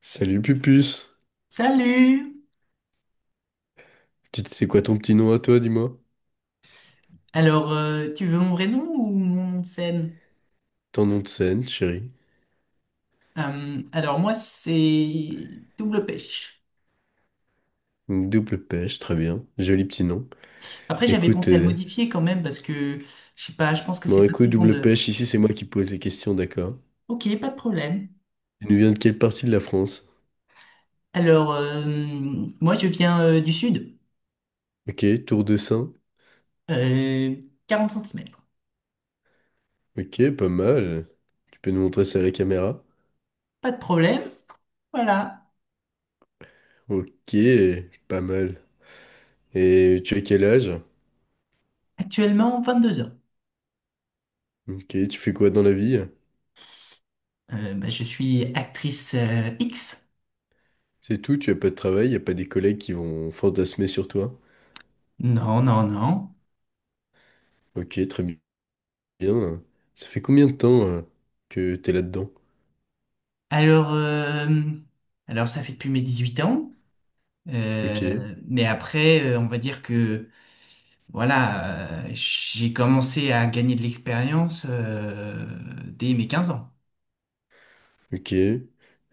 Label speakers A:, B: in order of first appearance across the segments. A: Salut Pupus,
B: Salut!
A: tu sais quoi ton petit nom à toi, dis-moi?
B: Alors, tu veux mon vrai nom ou mon nom de scène?
A: Ton nom de scène, chérie.
B: Alors, moi, c'est Double Pêche.
A: Une double pêche, très bien. Joli petit nom.
B: Après, j'avais
A: Écoute,
B: pensé à le
A: euh,
B: modifier quand même parce que, je sais pas, je pense que c'est
A: bon
B: pas très
A: écoute, double
B: vendeur.
A: pêche, ici c'est moi qui pose les questions, d'accord?
B: Ok, pas de problème.
A: Tu nous viens de quelle partie de la France?
B: Alors, moi, je viens du sud.
A: Ok, Tour de Saint.
B: Euh, 40 cm.
A: Ok, pas mal. Tu peux nous montrer ça à la caméra?
B: Pas de problème. Voilà.
A: Ok, pas mal. Et tu as quel âge?
B: Actuellement, 22 ans.
A: Ok, tu fais quoi dans la vie?
B: Bah, je suis actrice X.
A: C'est tout, tu as pas de travail, y a pas des collègues qui vont fantasmer sur toi?
B: Non, non, non.
A: Ok, très bien. Bien, ça fait combien de temps que t'es là-dedans?
B: Alors, euh, alors, ça fait depuis mes 18 ans.
A: Ok,
B: Mais après, on va dire que voilà, j'ai commencé à gagner de l'expérience dès mes 15 ans.
A: ok.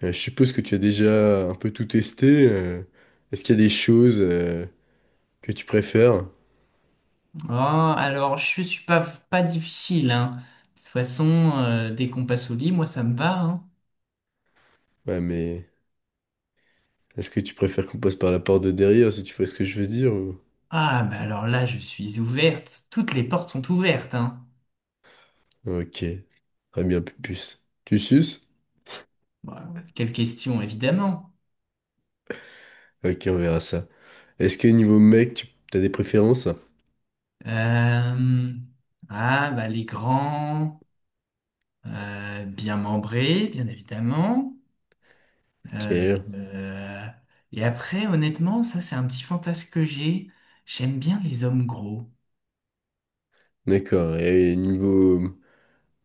A: Je suppose que tu as déjà un peu tout testé. Est-ce qu'il y a des choses que tu préfères?
B: Ah, alors, je suis pas difficile, hein. De toute façon, dès qu'on passe au lit, moi, ça me va, hein.
A: Ouais, mais est-ce que tu préfères qu'on passe par la porte de derrière, si tu vois ce que je veux dire? Ou-
B: Ah, mais alors là, je suis ouverte. Toutes les portes sont ouvertes, hein.
A: Ok, très bien, pupus. Tu suces?
B: Bon, quelle question, évidemment.
A: Ok, on verra ça. Est-ce que niveau mec, tu as des préférences?
B: Euh, ah, bah, les grands, bien membrés, bien évidemment. Euh,
A: Ok,
B: euh, et après, honnêtement, ça c'est un petit fantasme que j'ai. J'aime bien les hommes gros.
A: d'accord. Et niveau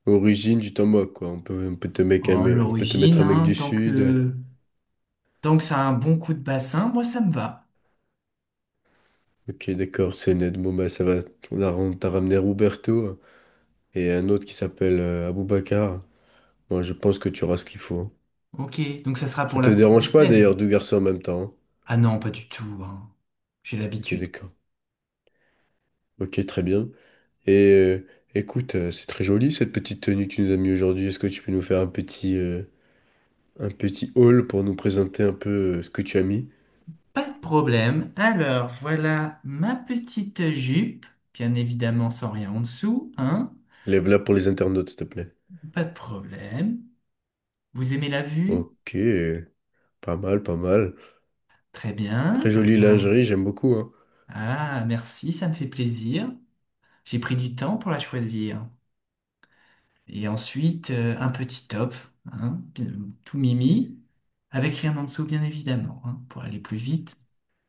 A: origine, tu t'en moques, quoi. On peut te mec un
B: Oh,
A: mec- on peut te
B: l'origine,
A: mettre un mec
B: hein,
A: du
B: tant
A: sud.
B: que, tant que ça a un bon coup de bassin, moi ça me va.
A: Ok, d'accord, c'est net. Bon, bah, ça va. On t'a ramené Roberto et un autre qui s'appelle Aboubacar. Moi, je pense que tu auras ce qu'il faut. Hein.
B: Ok, donc ça sera pour
A: Ça te
B: la première
A: dérange pas
B: scène.
A: d'ailleurs, deux garçons en même temps. Hein
B: Ah non, pas du tout, hein. J'ai
A: Ok,
B: l'habitude.
A: d'accord. Ok, très bien. Et écoute, c'est très joli cette petite tenue que tu nous as mis aujourd'hui. Est-ce que tu peux nous faire un un petit haul pour nous présenter un peu ce que tu as mis?
B: Pas de problème. Alors, voilà ma petite jupe, bien évidemment sans rien en dessous, hein.
A: Lève-la pour les internautes, s'il te plaît.
B: Pas de problème. Vous aimez la vue?
A: Ok, pas mal, pas mal.
B: Très bien.
A: Très jolie
B: Alors,
A: lingerie, j'aime beaucoup, hein.
B: ah, merci, ça me fait plaisir. J'ai pris du temps pour la choisir. Et ensuite, un petit top, hein, tout mimi, avec rien en dessous, bien évidemment, hein, pour aller plus vite,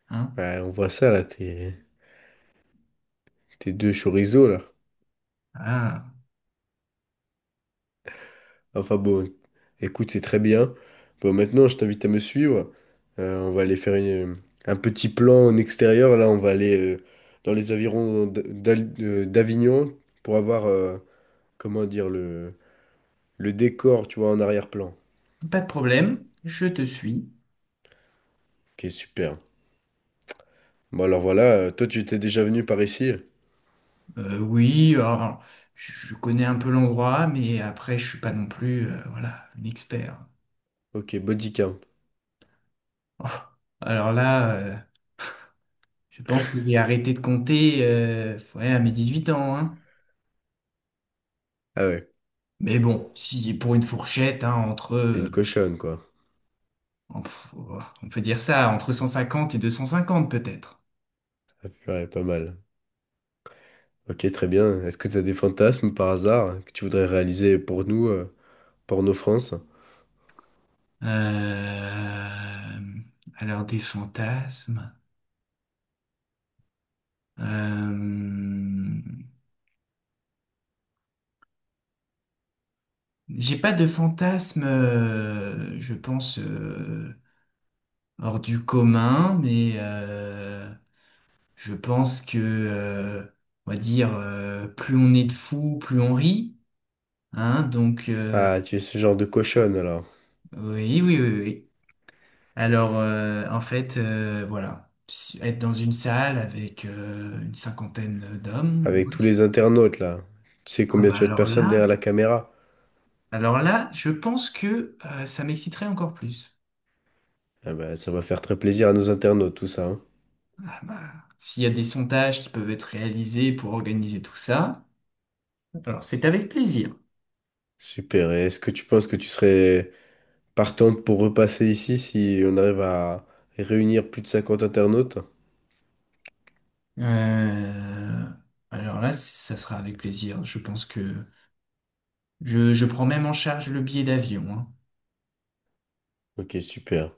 B: hein.
A: Ouais, on voit ça là, tes deux chorizo là.
B: Ah,
A: Enfin bon, écoute, c'est très bien. Bon, maintenant, je t'invite à me suivre. On va aller un petit plan en extérieur. Là, on va aller dans les environs d'Avignon pour avoir, comment dire, le décor, tu vois, en arrière-plan,
B: pas de problème, je te suis.
A: qui est super. Bon, alors voilà, toi, tu t'es déjà venu par ici?
B: Oui, alors, je connais un peu l'endroit, mais après, je suis pas non plus, voilà, un expert.
A: Ok, body count.
B: Oh, alors là, je pense que j'ai arrêté de compter, ouais, à mes 18 ans, hein.
A: Ah ouais,
B: Mais bon, si pour une fourchette, hein, entre
A: t'es une cochonne, quoi.
B: oh, on peut dire ça, entre 150 et 250 peut-être.
A: Ouais, pas mal. Ok, très bien. Est-ce que tu as des fantasmes par hasard que tu voudrais réaliser pour nous, pour nos France?
B: Euh, alors des fantasmes. Euh, j'ai pas de fantasmes, je pense, hors du commun, mais je pense que, on va dire, plus on est de fous, plus on rit. Hein, donc,
A: Ah, tu es ce genre de cochonne alors,
B: oui, oui, oui, oui. Alors, en fait, voilà, être dans une salle avec une cinquantaine d'hommes,
A: avec tous les internautes là. Tu sais
B: ah
A: combien
B: bah
A: tu as de
B: alors
A: personnes
B: là,
A: derrière la caméra?
B: alors là, je pense que ça m'exciterait encore plus.
A: Ah bah, ça va faire très plaisir à nos internautes tout ça. Hein.
B: Ah bah, s'il y a des sondages qui peuvent être réalisés pour organiser tout ça, alors c'est avec plaisir.
A: Super. Et est-ce que tu penses que tu serais partante pour repasser ici si on arrive à réunir plus de 50 internautes?
B: Euh, alors là, ça sera avec plaisir. Je pense que je prends même en charge le billet d'avion, hein.
A: Ok, super.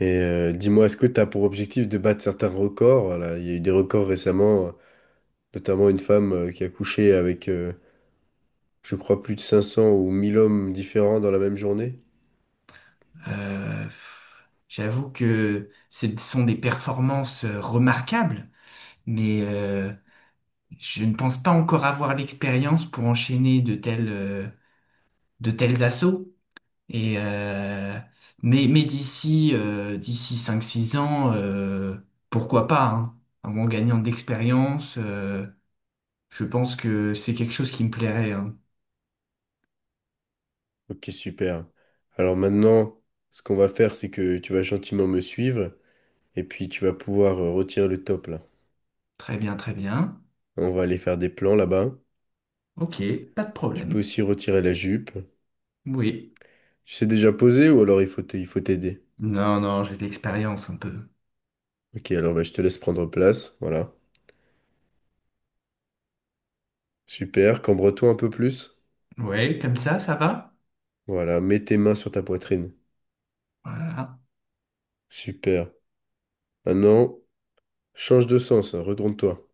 A: Et dis-moi, est-ce que tu as pour objectif de battre certains records? Voilà, il y a eu des records récemment, notamment une femme qui a couché avec, je crois, plus de 500 ou 1000 hommes différents dans la même journée.
B: J'avoue que ce sont des performances remarquables. Mais je ne pense pas encore avoir l'expérience pour enchaîner de tels assauts. Et, euh, d'ici 5 6 ans, pourquoi pas, hein. En gagnant de l'expérience, je pense que c'est quelque chose qui me plairait, hein.
A: Ok, super. Alors maintenant, ce qu'on va faire, c'est que tu vas gentiment me suivre et puis tu vas pouvoir retirer le top là.
B: Très bien, très bien.
A: On va aller faire des plans là-bas.
B: Ok, pas de
A: Tu peux
B: problème.
A: aussi retirer la jupe.
B: Oui.
A: Tu sais déjà poser ou alors il faut t'aider.
B: Non, non, j'ai de l'expérience un peu.
A: Ok, alors bah, je te laisse prendre place. Voilà. Super. Cambre-toi un peu plus.
B: Ouais, comme ça va?
A: Voilà. Mets tes mains sur ta poitrine.
B: Voilà.
A: Super. Maintenant, change de sens. Hein, Retourne-toi.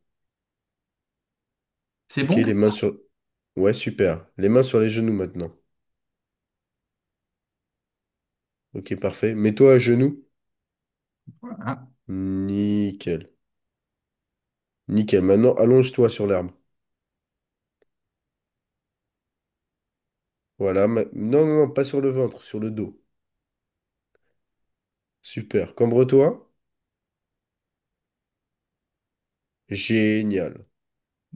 B: C'est
A: Ok,
B: bon
A: les
B: comme ça?
A: mains sur... Ouais, super. Les mains sur les genoux maintenant. Ok, parfait. Mets-toi à genoux.
B: Voilà.
A: Nickel. Nickel. Maintenant, allonge-toi sur l'arme. Voilà. ma- Non, non, non, pas sur le ventre, sur le dos. Super. Cambre-toi. Génial.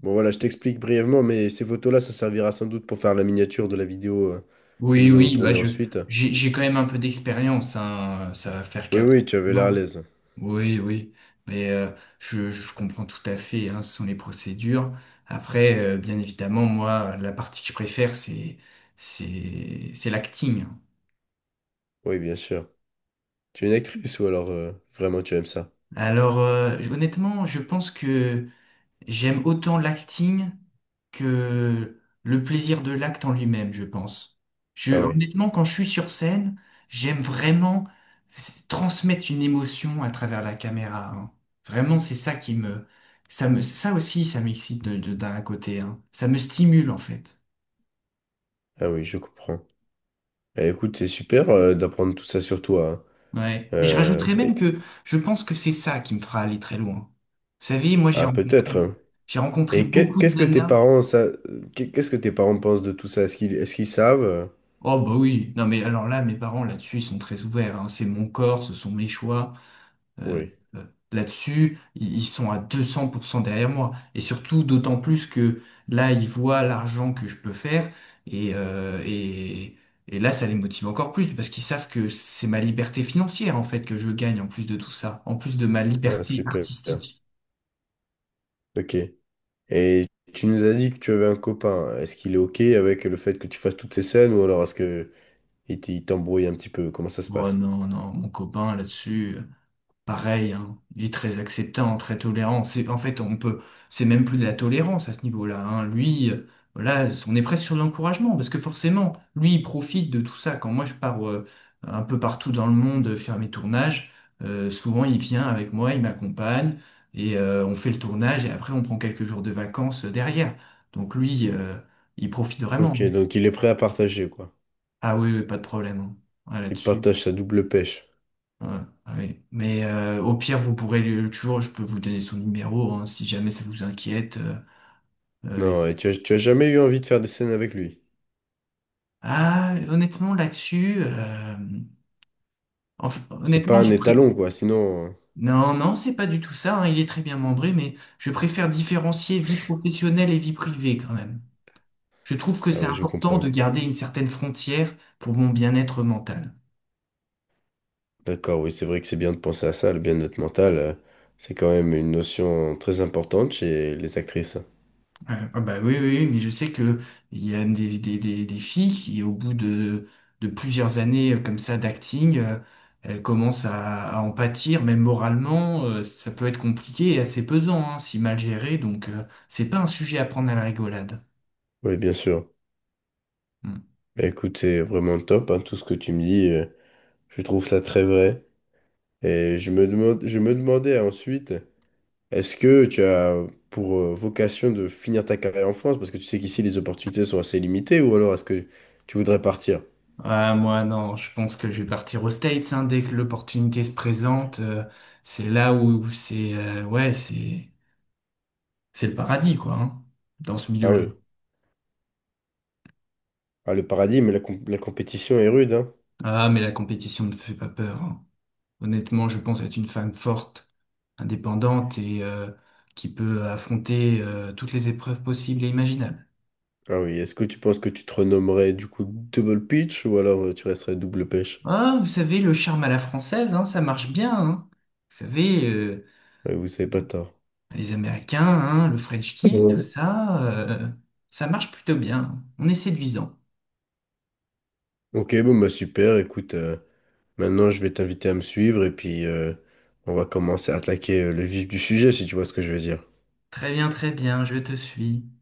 A: Bon, voilà, je t'explique brièvement, mais ces photos-là, ça servira sans doute pour faire la miniature de la vidéo que
B: Oui,
A: nous allons
B: oui, bah
A: tourner
B: je
A: ensuite.
B: j'ai quand même un peu d'expérience, hein, ça va faire
A: Oui,
B: quatre
A: oui,
B: ans.
A: tu avais l'air à
B: Non.
A: l'aise.
B: Oui, oui. Mais je comprends tout à fait, hein, ce sont les procédures. Après, bien évidemment, moi, la partie que je préfère, c'est l'acting.
A: Oui, bien sûr. Tu es une actrice ou alors vraiment tu aimes ça?
B: Alors, honnêtement, je pense que j'aime autant l'acting que le plaisir de l'acte en lui-même, je pense. Je,
A: Ah oui.
B: honnêtement, quand je suis sur scène, j'aime vraiment transmettre une émotion à travers la caméra, hein. Vraiment, c'est ça qui me, ça aussi, ça m'excite d'un côté, hein. Ça me stimule en fait.
A: Ah oui, je comprends. Eh, écoute, c'est super d'apprendre tout ça sur toi. Hein.
B: Ouais. Mais je
A: Euh,
B: rajouterais même
A: et-
B: que je pense que c'est ça qui me fera aller très loin. Vous savez, moi, j'ai
A: Ah, peut-être.
B: rencontré,
A: Hein.
B: j'ai rencontré beaucoup
A: Qu'est-ce
B: de
A: que tes
B: nanas.
A: parents, qu'est-ce que tes parents pensent de tout ça? Est-ce qu'ils savent?
B: Oh bah oui, non mais alors là, mes parents là-dessus, ils sont très ouverts, hein. C'est mon corps, ce sont mes choix. Euh,
A: Oui.
B: euh, Là-dessus, ils sont à 200% derrière moi. Et surtout, d'autant plus que là, ils voient l'argent que je peux faire. Et, euh, et, et là, ça les motive encore plus, parce qu'ils savent que c'est ma liberté financière, en fait, que je gagne en plus de tout ça, en plus de ma
A: Ah,
B: liberté
A: super.
B: artistique.
A: Ok. Et tu nous as dit que tu avais un copain. Est-ce qu'il est ok avec le fait que tu fasses toutes ces scènes ou alors est-ce que il t'embrouille un petit peu? Comment ça se
B: Oh
A: passe?
B: non, non, mon copain là-dessus, pareil, hein, il est très acceptant, très tolérant. C'est, en fait, on peut, C'est même plus de la tolérance à ce niveau-là, hein. Lui, là, on est presque sur de l'encouragement parce que forcément, lui, il profite de tout ça. Quand moi, je pars un peu partout dans le monde faire mes tournages, souvent, il vient avec moi, il m'accompagne et on fait le tournage et après, on prend quelques jours de vacances derrière. Donc lui, il profite vraiment,
A: Ok,
B: hein.
A: donc il est prêt à partager, quoi.
B: Ah oui, oui, pas de problème, hein. Ah,
A: Il
B: là-dessus.
A: partage sa double pêche.
B: Ouais, ouais. Mais au pire, vous pourrez toujours, je peux vous donner son numéro, hein, si jamais ça vous inquiète. euh.
A: Non, et tu as jamais eu envie de faire des scènes avec lui.
B: Ah, honnêtement, là-dessus,
A: C'est pas
B: honnêtement,
A: un
B: je
A: étalon,
B: prie.
A: quoi, sinon...
B: Non, non, c'est pas du tout ça, hein. Il est très bien membré, mais je préfère différencier vie professionnelle et vie privée quand même. Je trouve que
A: Ah
B: c'est
A: oui, je
B: important
A: comprends.
B: de garder une certaine frontière pour mon bien-être mental.
A: D'accord, oui, c'est vrai que c'est bien de penser à ça, le bien-être mental, c'est quand même une notion très importante chez les actrices.
B: Ah bah oui, oui, oui, mais je sais que il y a des filles qui, au bout de plusieurs années comme ça d'acting, elles commencent à en pâtir, même moralement, ça peut être compliqué et assez pesant, hein, si mal géré, donc c'est pas un sujet à prendre à la rigolade.
A: Oui, bien sûr.
B: Hmm.
A: Bah, écoute, c'est vraiment top, hein, tout ce que tu me dis, je trouve ça très vrai. Et je me demandais ensuite, est-ce que tu as pour vocation de finir ta carrière en France? Parce que tu sais qu'ici, les opportunités sont assez limitées, ou alors est-ce que tu voudrais partir?
B: Ah, moi, non, je pense que je vais partir aux States, hein, dès que l'opportunité se présente, c'est là où c'est, ouais, c'est le paradis, quoi, hein, dans ce
A: Ah
B: milieu-là.
A: oui, ah, le paradis, mais la compétition est rude, hein.
B: Ah, mais la compétition ne me fait pas peur, hein. Honnêtement, je pense être une femme forte, indépendante et qui peut affronter toutes les épreuves possibles et imaginables.
A: Ah oui, est-ce que tu penses que tu te renommerais du coup Double Pitch ou alors tu resterais Double Pêche?
B: Ah, vous savez, le charme à la française, hein, ça marche bien, hein. Vous savez,
A: Ouais, vous savez pas tort.
B: les Américains, hein, le French kiss, tout
A: Mm.
B: ça, ça marche plutôt bien. On est séduisant.
A: Ok, bon bah super, écoute, maintenant je vais t'inviter à me suivre et puis on va commencer à attaquer le vif du sujet si tu vois ce que je veux dire.
B: Très bien, je te suis.